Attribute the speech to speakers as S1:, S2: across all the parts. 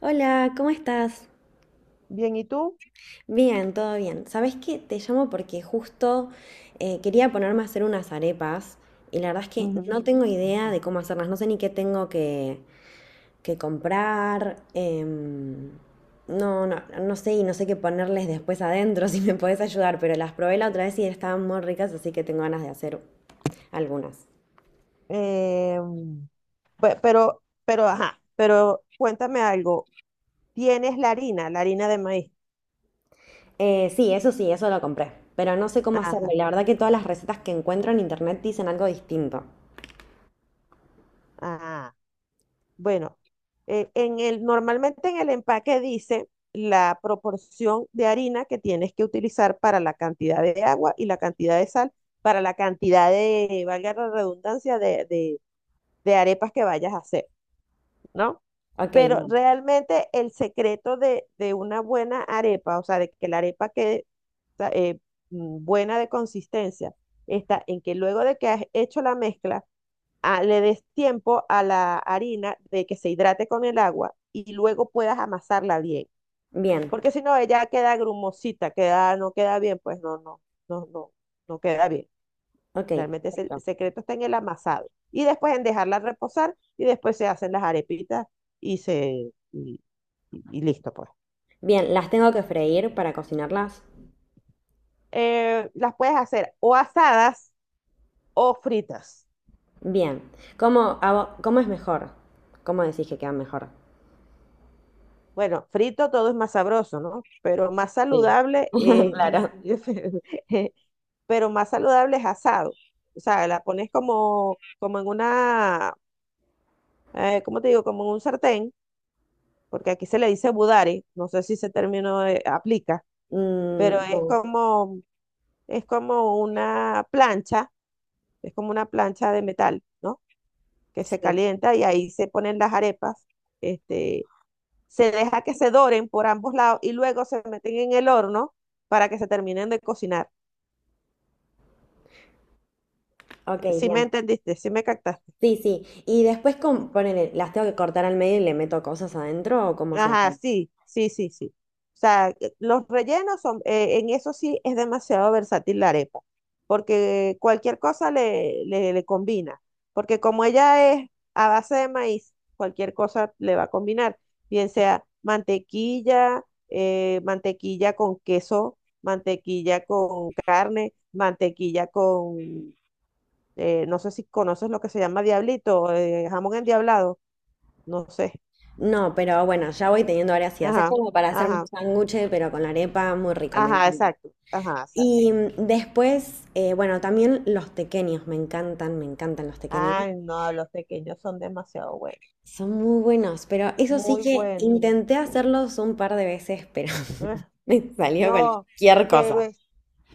S1: Hola, ¿cómo estás?
S2: Bien, ¿y tú?
S1: Bien, todo bien. ¿Sabes qué? Te llamo porque justo quería ponerme a hacer unas arepas y la verdad es que no
S2: Ujú.
S1: tengo idea de cómo hacerlas. No sé ni qué tengo que comprar. No sé y no sé qué ponerles después adentro si me podés ayudar, pero las probé la otra vez y estaban muy ricas, así que tengo ganas de hacer algunas.
S2: Eh, pero, ajá, pero cuéntame algo. ¿Tienes la harina de maíz?
S1: Sí, eso lo compré, pero no sé cómo hacerlo y
S2: Ajá,
S1: la verdad que todas las recetas que encuentro en internet dicen algo distinto.
S2: ah, bueno, normalmente en el empaque dice la proporción de harina que tienes que utilizar para la cantidad de agua y la cantidad de sal, para la cantidad de, valga la redundancia, de arepas que vayas a hacer. ¿No?
S1: Ok,
S2: Pero
S1: bien.
S2: realmente el secreto de una buena arepa, o sea, de que la arepa quede o sea, buena de consistencia, está en que luego de que has hecho la mezcla, le des tiempo a la harina de que se hidrate con el agua y luego puedas amasarla bien.
S1: Bien,
S2: Porque si no, ella queda grumosita, queda, no queda bien, pues no, no, no queda bien.
S1: ok,
S2: Realmente es el
S1: perfecto.
S2: secreto, está en el amasado. Y después en dejarla reposar y después se hacen las arepitas y se y, y listo pues.
S1: Bien, ¿las tengo que freír para cocinarlas?
S2: Las puedes hacer o asadas o fritas.
S1: Bien. ¿Cómo hago- cómo es mejor? ¿Cómo decís que quedan mejor?
S2: Bueno, frito todo es más sabroso, ¿no? Pero más
S1: Sí.
S2: saludable es,
S1: Claro.
S2: pero más saludable es asado. O sea, la pones como, como en una, ¿cómo te digo? Como en un sartén, porque aquí se le dice budare, no sé si ese término aplica, pero
S1: Mm, bueno,
S2: es como una plancha, es como una plancha de metal, ¿no? Que se
S1: sí,
S2: calienta y ahí se ponen las arepas, este, se deja que se doren por ambos lados y luego se meten en el horno para que se terminen de cocinar.
S1: ok,
S2: Si me
S1: bien.
S2: entendiste, si me captaste.
S1: Sí, sí. Y después, con, ponele, ¿las tengo que cortar al medio y le meto cosas adentro o cómo se
S2: Ajá,
S1: hace?
S2: sí, sí, sí, sí. O sea, los rellenos son, en eso sí es demasiado versátil la arepa, porque cualquier cosa le combina, porque como ella es a base de maíz, cualquier cosa le va a combinar, bien sea mantequilla, mantequilla con queso, mantequilla con carne, mantequilla con, no sé si conoces lo que se llama diablito, jamón endiablado, no sé.
S1: No, pero bueno, ya voy teniendo varias ideas. Es
S2: Ajá.
S1: como para hacerme un
S2: Ajá.
S1: sándwich, pero con la arepa, muy rico, me
S2: Ajá,
S1: encanta.
S2: exacto. Ajá, exacto.
S1: Y después, bueno, también los tequeños, me encantan los tequeños.
S2: Ay, no, los pequeños son demasiado buenos.
S1: Son muy buenos, pero eso sí
S2: Muy
S1: que
S2: buenos.
S1: intenté hacerlos un par de veces, pero
S2: Ugh,
S1: me salió
S2: no,
S1: cualquier
S2: pero
S1: cosa.
S2: es,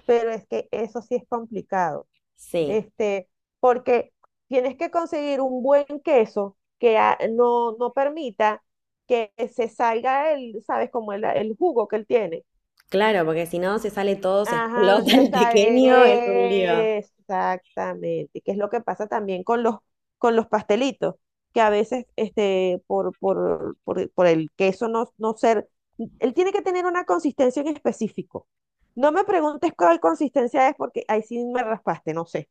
S2: pero es que eso sí es complicado.
S1: Sí,
S2: Este, porque tienes que conseguir un buen queso que no permita que se salga el, ¿sabes? Como el jugo que él tiene.
S1: claro, porque si no se sale todo, se
S2: Ajá, o
S1: explota
S2: sea,
S1: el
S2: está-
S1: pequeño, es un lío.
S2: exactamente. Que es lo que pasa también con los pastelitos, que a veces este, por el queso no, no ser, él tiene que tener una consistencia en específico. No me preguntes cuál consistencia es porque ahí sí me raspaste, no sé.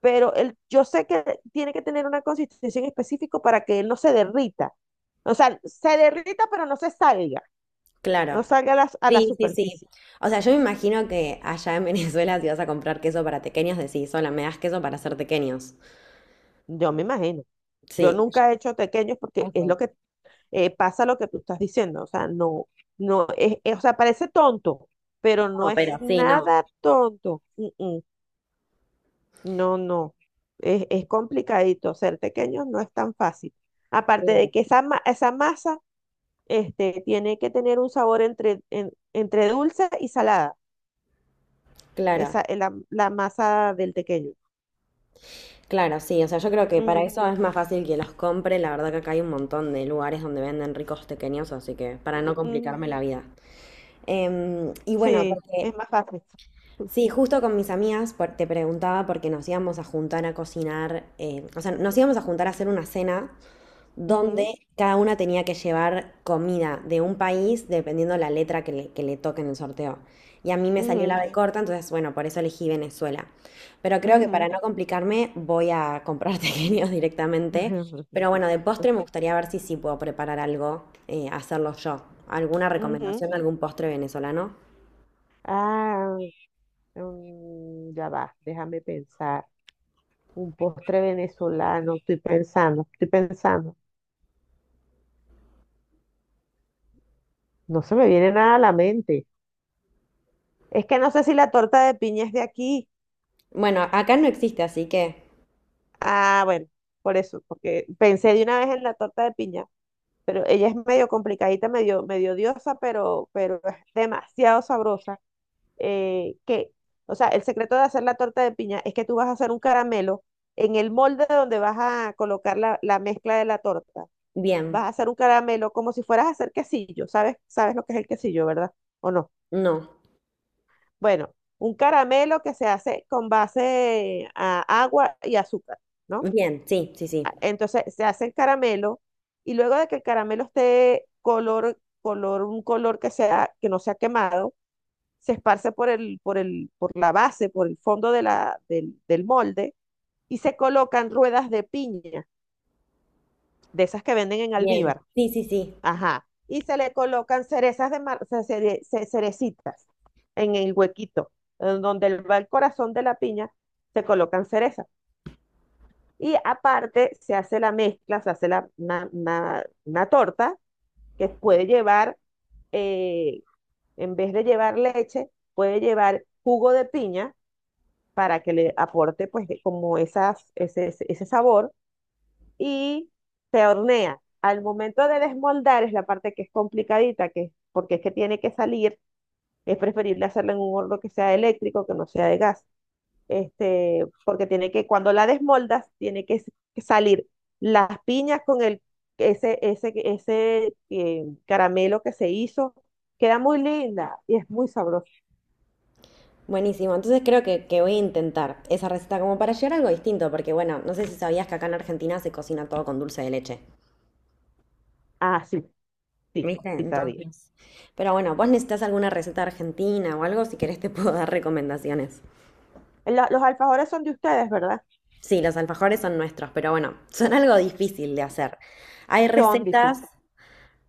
S2: Pero él, yo sé que tiene que tener una consistencia en específico para que él no se derrita. O sea, se derrita, pero no se salga,
S1: Claro.
S2: no salga a la
S1: Sí, sí, sí.
S2: superficie.
S1: O sea, yo me imagino que allá en Venezuela si vas a comprar queso para tequeños, decís, sola, me das queso para hacer tequeños.
S2: Yo me imagino. Yo
S1: Sí.
S2: nunca he hecho tequeños porque es
S1: Ok.
S2: lo que pasa lo que tú estás diciendo. O sea, no, no es, es- o sea, parece tonto, pero no
S1: No,
S2: es
S1: pero sí, no.
S2: nada tonto. Mm, mm. No, no. Es complicadito. Ser tequeños no es tan fácil. Aparte de
S1: Claro.
S2: que esa, ma- esa masa este, tiene que tener un sabor entre, en- entre dulce y salada.
S1: Claro.
S2: Esa, la, la masa del tequeño.
S1: Claro, sí, o sea, yo creo que para
S2: Mm,
S1: eso es más fácil que los compre. La verdad que acá hay un montón de lugares donde venden ricos pequeños, así que para
S2: mm,
S1: no
S2: mm.
S1: complicarme la vida. Y bueno,
S2: Sí,
S1: porque
S2: es más fácil.
S1: sí, justo con mis amigas por- te preguntaba porque nos íbamos a juntar a cocinar, o sea, nos íbamos a juntar a hacer una cena donde
S2: Ujú,
S1: cada una tenía que llevar comida de un país dependiendo la letra que le toque en el sorteo. Y a mí me salió
S2: ujú.
S1: la B corta, entonces bueno, por eso elegí Venezuela. Pero creo que para
S2: Ujú.
S1: no complicarme voy a comprar tequeños directamente. Pero bueno, de postre me gustaría ver si sí puedo preparar algo, hacerlo yo. ¿Alguna
S2: Ujú.
S1: recomendación, algún postre venezolano?
S2: Ah, ya va, déjame pensar. Un postre venezolano, estoy pensando, estoy pensando. No se me viene nada a la mente. Es que no sé si la torta de piña es de aquí.
S1: Bueno, acá no existe, así que
S2: Ah, bueno, por eso, porque pensé de una vez en la torta de piña, pero ella es medio complicadita, medio, medio diosa, pero es demasiado sabrosa. eh, que, o sea, el secreto de hacer la torta de piña es que tú vas a hacer un caramelo en el molde donde vas a colocar la, la mezcla de la torta. Vas
S1: bien,
S2: a hacer un caramelo como si fueras a hacer quesillo, ¿sabes? ¿Sabes lo que es el quesillo, verdad? ¿O no?
S1: no.
S2: Bueno, un caramelo que se hace con base a agua y azúcar, ¿no?
S1: Bien, sí, sí, sí.
S2: A- Entonces se hace el caramelo y luego de que el caramelo esté color, color, un color que sea, que no sea quemado, se esparce por el, por el, por la base, por el fondo de la, del, del molde y se colocan ruedas de piña, de esas que venden en
S1: Bien,
S2: Alvíbar.
S1: sí, sí, sí.
S2: Ajá. Y se le colocan cerezas de mar, ce- cere, ce- cerecitas en el huequito, en donde va el corazón de la piña, se colocan cerezas. Y aparte se hace la mezcla, se hace la, una torta que puede llevar, eh, en vez de llevar leche, puede llevar jugo de piña, para que le aporte pues como esas, ese sabor y se hornea. Al momento de desmoldar es la parte que es complicadita, que, porque es que tiene que salir, es preferible hacerlo en un horno que sea eléctrico, que no sea de gas, este, porque tiene que, cuando la desmoldas, tiene que s- salir las piñas con el, ese caramelo que se hizo, queda muy linda y es muy sabroso.
S1: Buenísimo, entonces creo que voy a intentar esa receta como para llegar a algo distinto, porque bueno, no sé si sabías que acá en Argentina se cocina todo con dulce de leche,
S2: Ah, sí, sí,
S1: ¿viste?
S2: sí sabía.
S1: Entonces, pero bueno, vos necesitas alguna receta argentina o algo, si querés te puedo dar recomendaciones.
S2: Lo- los alfajores son de ustedes, ¿verdad?
S1: Sí, los alfajores son nuestros, pero bueno, son algo difícil de hacer. Hay
S2: Son
S1: recetas
S2: difíciles.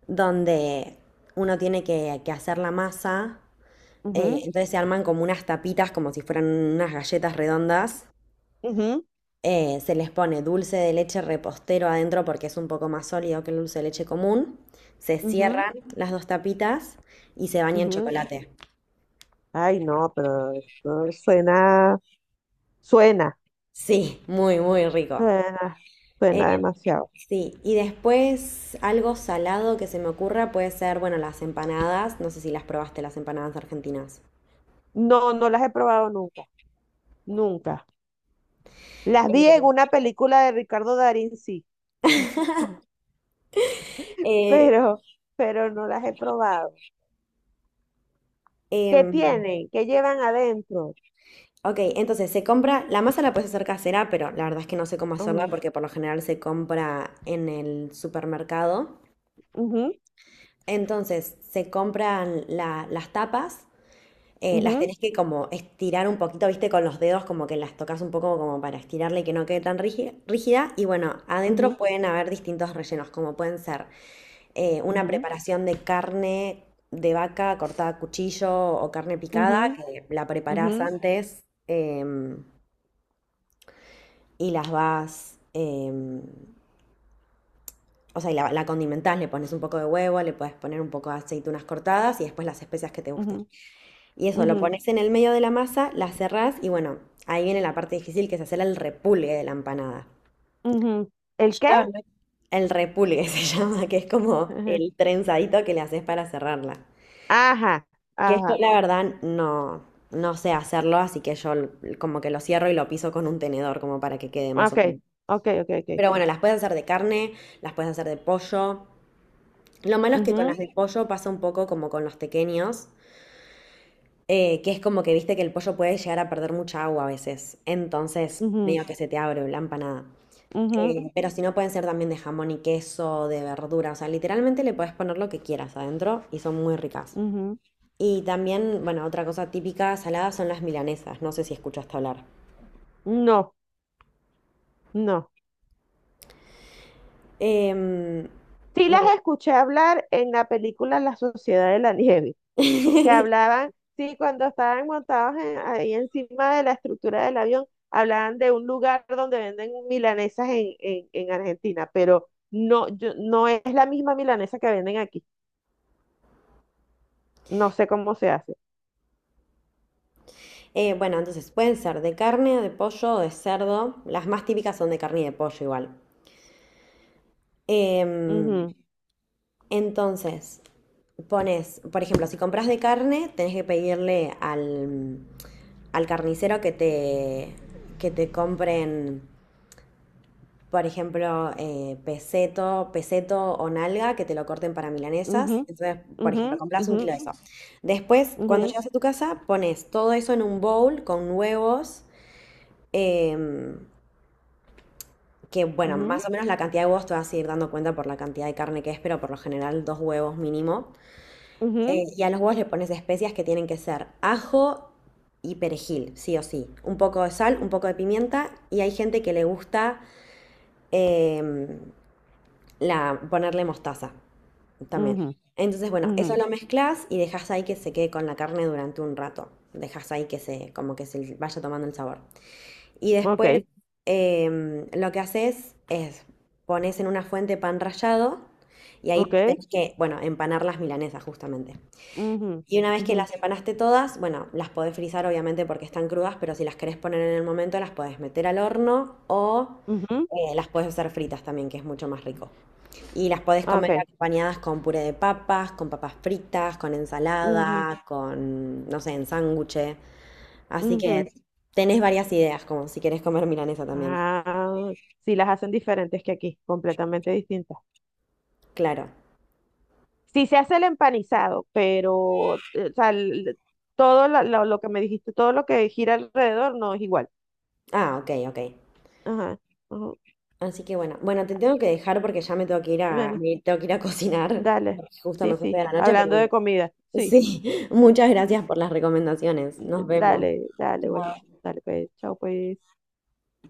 S1: donde uno tiene que hacer la masa,
S2: Ujú,
S1: entonces se arman como unas tapitas, como si fueran unas galletas redondas.
S2: ujú,
S1: Se les pone dulce de leche repostero adentro porque es un poco más sólido que el dulce de leche común. Se
S2: ujú,
S1: cierran las dos tapitas y se baña en
S2: ujú.
S1: chocolate.
S2: Ay, no, pero esto suena, suena,
S1: Sí, muy, muy rico.
S2: suena,
S1: Eh,
S2: suena demasiado.
S1: sí, y después algo salado que se me ocurra puede ser, bueno, las empanadas. No sé si las probaste, las empanadas argentinas.
S2: No, no las he probado nunca, nunca. Las vi en
S1: Eh,
S2: una película de Ricardo Darín, sí,
S1: eh,
S2: pero, pero no las he probado. ¿Qué
S1: em,
S2: tienen? ¿Qué llevan adentro?
S1: ok, entonces se compra, la masa la puedes hacer casera, pero la verdad es que no sé cómo hacerla
S2: Ujú,
S1: porque por lo general se compra en el supermercado.
S2: ujú,
S1: Entonces, se compran la- las tapas, las
S2: ujú,
S1: tenés que como estirar un poquito, viste, con los dedos, como que las tocas un poco como para estirarla y que no quede tan rígi- rígida. Y bueno, adentro
S2: ujú,
S1: pueden haber distintos rellenos, como pueden ser una
S2: ujú,
S1: preparación de carne de vaca cortada a cuchillo o carne picada, que la preparás
S2: ujú,
S1: antes y las vas... o sea, y la condimentás, le pones un poco de huevo, le puedes poner un poco de aceitunas cortadas y después las especias que te gusten.
S2: ujú,
S1: Y eso, lo
S2: ujú,
S1: pones en el medio de la masa, la cerrás y bueno, ahí viene la parte difícil que es hacer el repulgue de la empanada.
S2: ujú, ujú. ¿El qué?
S1: El repulgue se llama, que es como
S2: Ujú.
S1: el trenzadito que le haces para cerrarla.
S2: Ajá,
S1: Que yo
S2: ajá.
S1: la verdad no, no sé hacerlo, así que yo l- como que lo cierro y lo piso con un tenedor como para que quede
S2: Ah,
S1: más o menos.
S2: okay, okay, okay, okay.
S1: Pero bueno, las puedes hacer de carne, las puedes hacer de pollo. Lo malo es que con las
S2: Ujú,
S1: de pollo pasa un poco como con los tequeños. Que es como que viste que el pollo puede llegar a perder mucha agua a veces. Entonces,
S2: ujú,
S1: medio que se te abre la empanada.
S2: ujú,
S1: Pero si no, pueden ser también de jamón y queso, de verdura. O sea, literalmente le puedes poner lo que quieras adentro y son muy ricas.
S2: ujú.
S1: Y también, bueno, otra cosa típica salada son las milanesas. No sé si escuchaste hablar.
S2: No, no.
S1: Em,
S2: Sí las
S1: bueno.
S2: escuché hablar en la película La Sociedad de la Nieve, que hablaban, sí, cuando estaban montados en- ahí encima de la estructura del avión, hablaban de un lugar donde venden milanesas en Argentina, pero no, yo, no es la misma milanesa que venden aquí. No sé cómo se hace.
S1: Bueno, entonces pueden ser de carne, de pollo o de cerdo. Las más típicas son de carne y de pollo igual. Em,
S2: Ujú,
S1: Entonces, pones, por ejemplo, si compras de carne, tenés que pedirle al, al carnicero que te compren, por ejemplo, peseto, peseto o nalga, que te lo corten para milanesas.
S2: ujú,
S1: Entonces, por ejemplo,
S2: ujú,
S1: compras un
S2: ujú,
S1: kilo de eso. Después, cuando
S2: ujú,
S1: llegas a tu casa, pones todo eso en un bowl con huevos. em, que bueno, más
S2: ujú,
S1: o menos la cantidad de huevos te vas a ir dando cuenta por la cantidad de carne que es, pero por lo general dos huevos mínimo.
S2: ujú,
S1: Y a los huevos le pones especias que tienen que ser ajo y perejil, sí o sí. Un poco de sal, un poco de pimienta. Y hay gente que le gusta em, ponerle mostaza también.
S2: ujú,
S1: Entonces, bueno,
S2: ujú.
S1: eso lo mezclas y dejas ahí que se quede con la carne durante un rato. Dejas ahí que se, como que se vaya tomando el sabor. Y después
S2: Ok.
S1: lo que haces es pones en una fuente pan rallado y ahí
S2: Ok.
S1: tenés que, bueno, empanar las milanesas justamente.
S2: Ujú,
S1: Y una vez que
S2: ujú,
S1: las empanaste todas, bueno, las podés frizar obviamente porque están crudas, pero si las querés poner en el momento, las podés meter al horno o
S2: ujú.
S1: las podés hacer fritas también, que es mucho más rico. Y las podés
S2: Ah,
S1: comer
S2: ok.
S1: acompañadas con puré de papas, con papas fritas, con
S2: Ujú,
S1: ensalada, con, no sé, en sándwiches. Así que
S2: ujú.
S1: tenés varias ideas, como si querés comer milanesa también.
S2: Ah, sí, las hacen diferentes que aquí, completamente distintas.
S1: Claro.
S2: Sí se hace el empanizado, pero o sea, el- todo la- lo que me dijiste, todo lo que gira alrededor no es igual.
S1: Ah, ok, ok.
S2: Ajá. Ujú.
S1: Así que bueno, bueno, te tengo que dejar porque ya me tengo que ir a,
S2: Bueno,
S1: me tengo que ir a cocinar,
S2: dale.
S1: porque justo
S2: Sí,
S1: me fue
S2: sí.
S1: de la noche, pero
S2: Hablando de
S1: bueno,
S2: comida. Sí.
S1: sí, muchas gracias por las recomendaciones. Nos
S2: Mm,
S1: vemos.
S2: dale, dale,
S1: Chao.
S2: buenísimo. Dale, pues, chao, pues.